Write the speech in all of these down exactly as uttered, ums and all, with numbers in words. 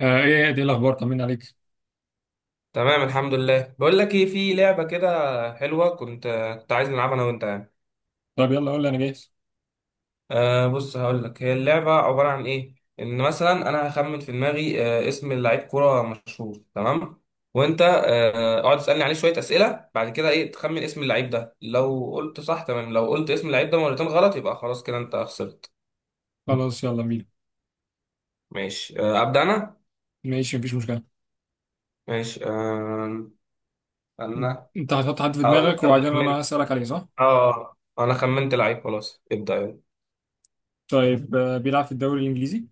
آه ايه يا دي الاخبار طمنا عليك. تمام الحمد لله، بقول لك ايه، في لعبه كده حلوه. كنت كنت عايز نلعبها انا وانت يعني. طب يلا قول لي انا جاهز. أه بص هقول لك هي اللعبه عباره عن ايه. ان مثلا انا هخمن في دماغي أه اسم لعيب كوره مشهور، تمام. وانت أه اقعد تسالني عليه شويه اسئله، بعد كده ايه تخمن اسم اللعيب ده. لو قلت صح تمام، لو قلت اسم اللعيب ده مرتين غلط يبقى خلاص كده انت خسرت. خلاص يلا بينا. ماشي أه ابدا انا. ماشي مفيش مشكله. ماشي أه انت انا. أنت هتحط حد في هقول لك دماغك، انا وبعدين انا خمنت. هسالك عليه، صح؟ اه انا خمنت لعيب، خلاص ابدا يلا. طيب، آه بيلعب في الدوري الانجليزي؟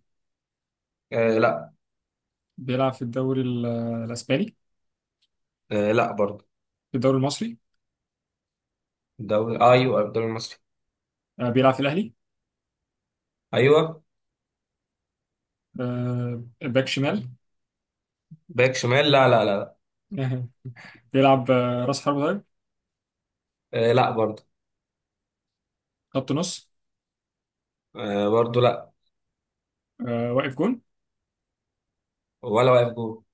أه لا. بيلعب في الدوري ال- آه، الاسباني؟ آه لا برضه. في الدوري المصري؟ الدوري، آه ايوه الدوري المصري. آه بيلعب في الاهلي؟ ايوه. آه باك شمال؟ باك شمال؟ لا لا لا لا. بيلعب آه راس حربة؟ طيب، آه لا برضه. خط نص؟ آه برضه لا. آه واقف جون؟ ولا واقف جول.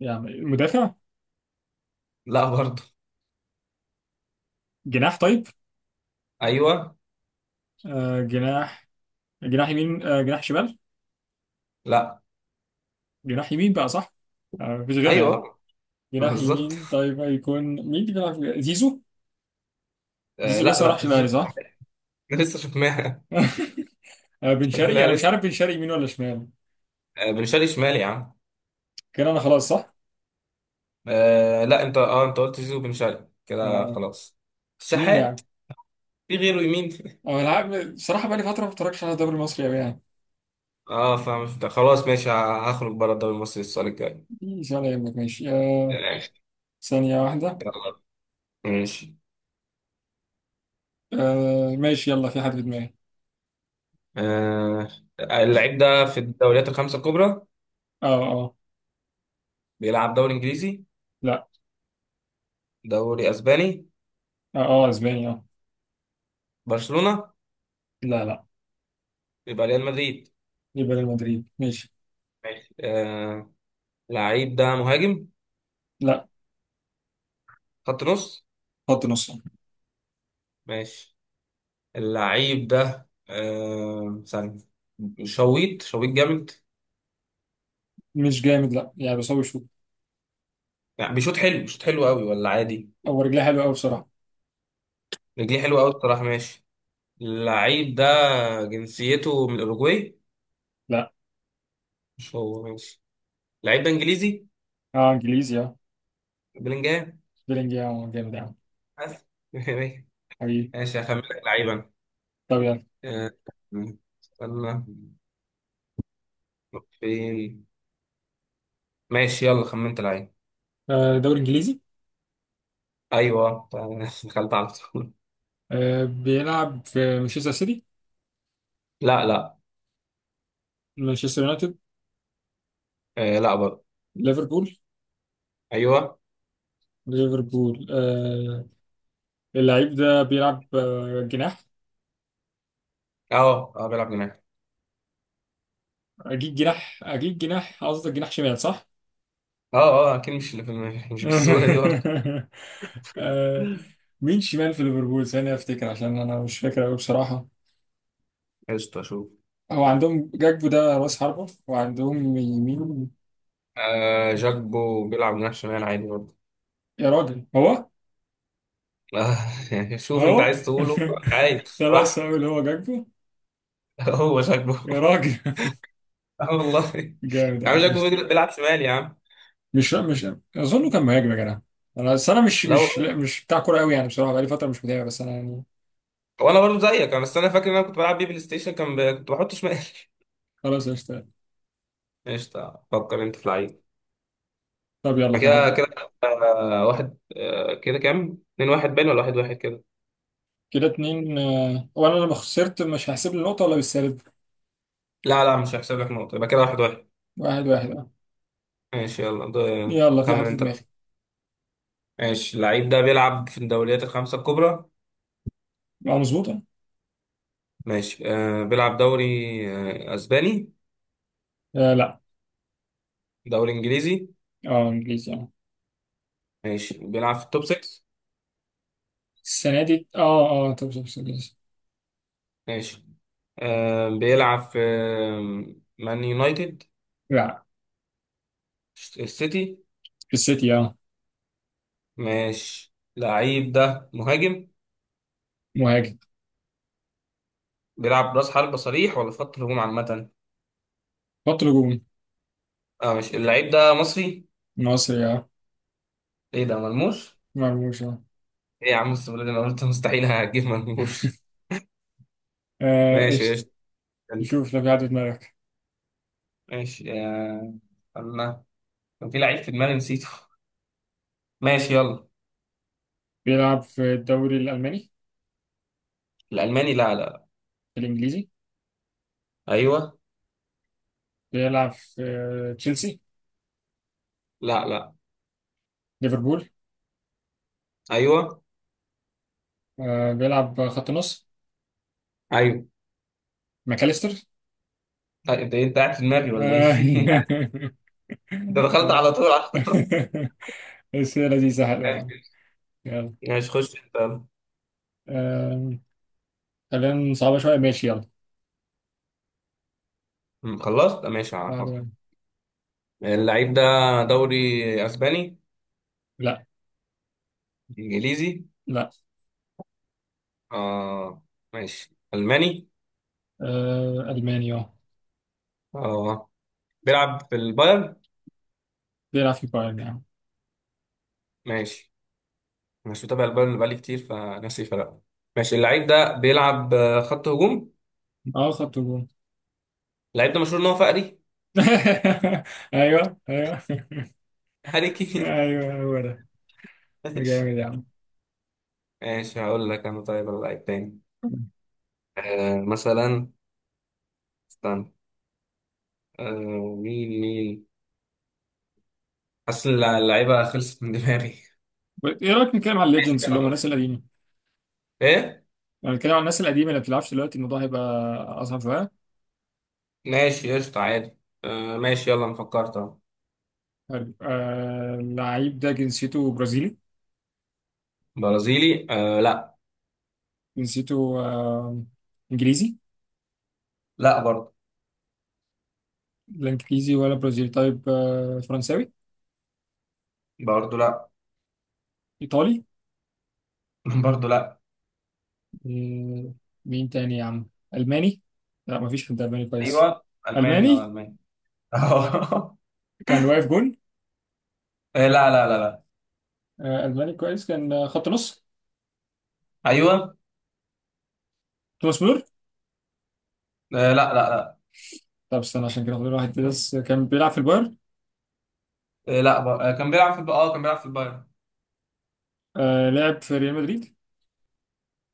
يعني مدافع؟ لا برضه. جناح طيب؟ ايوه. آه جناح. جناح يمين آه جناح شمال؟ لا. جناح يمين بقى، صح؟ آه مفيش غيرها يعني. ايوه. جناح بالظبط. يمين طيب، هيكون مين اللي بيلعب في- زيزو؟ آه زيزو لا لسه راح لا الاهلي زول- صح؟ لسه شفناها. آه، بن شرقي، انا لا مش لسه. عارف بن شرقي يمين ولا شمال. آه بن شرقي شمال يا عم. كان انا خلاص صح؟ آه لا، انت اه انت قلت زيزو بن شرقي كده آه. خلاص. مين الشحات. يعني؟ في غيره يمين. أو العاب بصراحة، بقالي فترة ما بتفرجش على الدوري المصري أوي يعني. اه فاهم ده. خلاص ماشي، ه- هخرج بره الدوري المصري السؤال الجاي. مش ولا يهمك، ماشي آه. آه، ثانية واحدة. ماشي. آه. ماشي يلا في حد في دماغي. آه اللعيب ده في الدوريات الخمسة الكبرى. اه اه. بيلعب دوري انجليزي؟ لا. دوري اسباني؟ اه. اه اسباني اه. برشلونة؟ لا لا. يبقى ريال مدريد. يبقى ريال مدريد ماشي. ماشي. آه اللعيب ده مهاجم؟ لا. خط نص؟ خط نص. ماشي. اللعيب ده آه ثانية. شويط شويط جامد؟ مش جامد لا يعني، بس هو شوط. يعني بيشوط حلو، بيشوط حلو قوي ولا عادي؟ هو رجليه حلوة أوي بصراحة. رجليه حلوه قوي الصراحة. ماشي. اللعيب ده جنسيته من الاوروجواي؟ لا. مش هو. ماشي. اللعيب ده انجليزي. اه انجليزي اه. بلينجهام. بيلينجهام؟ آه، جامد يعني. بس. حقيقي. ماشي هخمن لك لعيبا. طب يعني، آه، استنى. فين. ماشي يلا خمنت العين. آه، دوري انجليزي. ايوه. دخلت على طول. آه، بيلعب في مانشستر سيتي؟ لا لا. مانشستر يونايتد؟ آه لا برضه. ليفربول؟ ايوه. ليفربول، آه. اللعيب ده بيلعب آه، جناح. اه اه بيلعب جناح. اجيب جناح، اجيب جناح قصدك، جناح شمال صح؟ اه اه اكيد مش اللي في الم- مش بالسهوله دي برضه. آه، مين شمال في ليفربول ثانية افتكر، عشان انا مش فاكر قوي بصراحة. قشطة شوف. هو عندهم جاكبو ده راس حربة، وعندهم يمين. آه جاكبو بيلعب جناح شمال عادي برضه. يا راجل هو، آه. يعني شوف انت هو. عايز تقوله. عادي خلاص راح. هقول هو جاكبو. هو جاكبو. يا راجل. اه والله. جامد يا يا عم عم. جاكبو بيجري- بيلعب شمال يا عم. مش مش اظنه كان مهاجم يا جدع. انا بس انا مش لا مش والله. لا مش بتاع كوره قوي يعني، بصراحه بقالي فتره مش متابع، بس انا يعني. هو انا برضه زيك، انا بس انا فاكر ان انا كنت بلعب بيه بلاي ستيشن، كان ب... كنت بحط شمال. خلاص قشطه. قشطه. فكر انت في لعيب. طب يلا أنا في كده حد. كده. آه، واحد، آه، كده كام؟ اتنين واحد باين، ولا واحد واحد كده؟ كده اتنين آه، هو انا لما خسرت مش هحسب لي النقطه ولا بالسالب؟ لا لا، مش هحسب لك نقطة، يبقى كده واحد واحد. واحد واحد اه. ماشي يلا ده. يلا في حد خمن في انت دماغي. لا. ماشي، اللعيب ده بيلعب في الدوريات الخمسة الكبرى. اه مظبوطه. ماشي. آه بيلعب دوري آه أسباني؟ آه لا. دوري إنجليزي؟ اه انجليزي اه. ماشي، بيلعب في التوب ستة. السنه دي اه اه، طب طب طب- انجليزي. ماشي. آه بيلعب في آه، مان يونايتد؟ لا. السيتي. في السيتي اه. ماشي. اللعيب ده مهاجم؟ مهاجم. بيلعب راس حربة صريح ولا في خط الهجوم عامة؟ خط هجوم. اه ماشي. اللعيب ده مصري؟ مصري اه. ايه ده ملموس؟ مرموش اه. ايه يا عم، السؤال اللي انا قلت مستحيل هجيب مرموش. آه، ماشي يا قشطه. انت. نشوف لو في حد في دماغك. ماشي يا الله، كان في لعيب في دماغي نسيته. ماشي يلا. بيلعب في الدوري الالماني؟ الالماني؟ لا لا. الانجليزي؟ ايوه. بيلعب في آه، تشيلسي؟ لا لا. ليفربول؟ ايوه. آه، بيلعب خط نص. ايوه. ماكاليستر؟ لا، انت انت قاعد في دماغي ولا آه. ايه؟ انت دخلت على طول، على طول. بس هي لذيذة حلوة يا عم. ماشي. يلا. ماشي خش انت يلا. آه، خلينا صعبة شوية، ماشي يلا. م، خلصت. ماشي هفكر. بعد-، اللعيب ده دوري اسباني؟ لا. انجليزي؟ لا. اه ماشي. الماني؟ آه، ألماني اه. اه. بيلعب في البايرن؟ بيلعب في بايرن يعني. ماشي. مش متابع البايرن بقالي كتير، فناسي فرق. ماشي. اللعيب ده بيلعب آه، خط هجوم. اه خط هجوم. اللعيب ده مشهور ان هو فقري. ايوه ايوه. هاري كين. ايوه هو ده. ماشي. جامد يا عم. ماشي هقول لك انا. طيب اللعيب تاني. آه مثلا استنى. آه مين مين. حاسس إن اللع- اللعيبه خلصت من دماغي. ايه رايك نتكلم على ماشي الليجندز اللي هم يلا. الناس القديمه؟ ايه. لو نتكلم على الناس القديمه اللي ما بتلعبش دلوقتي، الموضوع هيبقى اصعب شويه. ماشي قشطة عادي. آه ماشي يلا انا فكرت اهو. حلو. آه اللعيب ده جنسيته برازيلي؟ برازيلي؟ آه لا. جنسيته آه، انجليزي؟ لا برضه. لا انجليزي ولا برازيلي، طيب آه فرنساوي؟ برضه لا. ايطالي؟ برضه لا. آه، مين تاني يا عم، الماني؟ لا مفيش حد الماني كويس. ايوه الماني، اه الماني. الماني. آه، كان واقف جون؟ لا لا لا لا. آه الماني كويس كان آه، خط نص. ايوه. توماس مولر؟ آه لا لا لا. طب استنى، عشان كده فاضل واحد بس كان بيلعب في البايرن. آه لا ب... آه كان بيلعب في الب... اه كان بيلعب في البايرن. آه لعب في ريال مدريد.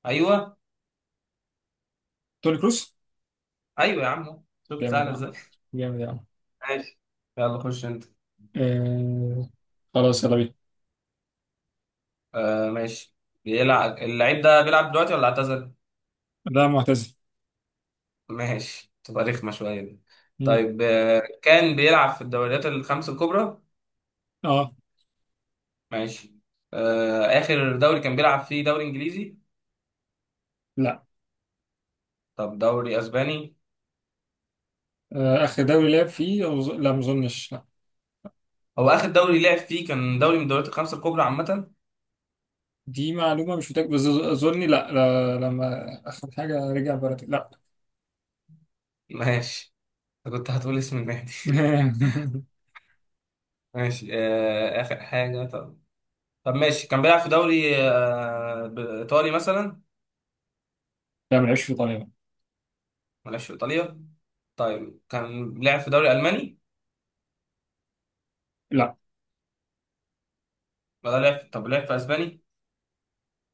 ايوه. توني كروس؟ ايوه يا عم شفت جامد سهل يا عم. ازاي. جامد يا عم. ماشي يلا خش انت. آه. خلاص يلا بينا. آه ماشي. بيلعب، اللعيب ده بيلعب دلوقتي ولا اعتزل؟ ده معتزل. ماشي، تبقى رخمة شوية دي. مم. طيب، آه كان بيلعب في الدوريات الخمس الكبرى. اه. ماشي. آه اخر دوري كان بيلعب فيه دوري انجليزي؟ لا. طب دوري اسباني؟ آه، آخر دوري لعب فيه أظ- لا، ما أظنش لا. هو اخر دوري لعب فيه كان دوري من الدوريات الخمس الكبرى عامة؟ دي معلومة مش متأكد بس أظ- أظني لا، لا، لما آخر حاجة رجع بلد، لا. ماشي. أنا كنت هتقول اسم النادي. ماشي آه آخر حاجة. طب ماشي، كان بيلعب في دوري آه، ب- ايطالي مثلا؟ لا، ما لعبش في إيطاليا. ما لعبش في ايطاليا. طيب كان لعب في دوري الماني؟ لا. ولا لعب، طب لعب في اسباني؟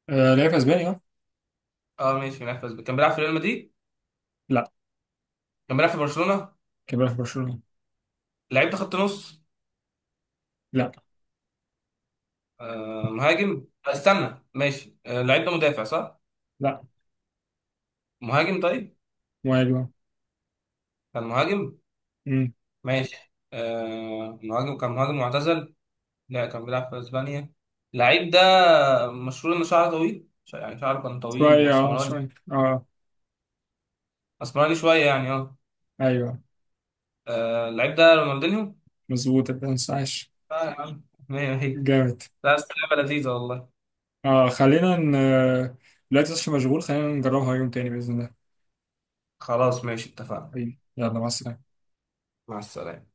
آه، لعب في أسبانيا أه. اه ماشي، لعب في اسباني. كان بيلعب في ريال مدريد؟ لا. كان بيلعب في برشلونة. كان بيلعب في برشلونة. لعيب ده خط نص؟ لا. آه مهاجم؟ آه، استنى ماشي. آه لعيب ده مدافع صح؟ لا. مهاجم طيب. وأيوه. كان مهاجم. أمم. ماشي. آه مهاجم، كان مهاجم معتزل. لا، كان بيلعب في اسبانيا. لعيب ده مشهور ان شعره طويل، ش- يعني شعره كان طويل شوية أه، واسمراني. شوية أه. اسمراني شوية يعني اه. أيوه. آه اللعيب ده رونالدينيو. مظبوط، أنت مش عايش. اه يا عم، مية مية. جامد. لا بس لعبة لذيذة والله. أه خلينا ن... آه، دلوقتي مش مشغول، خلينا نجربها يوم تاني بإذن الله. خلاص ماشي، اتفقنا. حبيبي يلا مع السلامة. مع السلامة.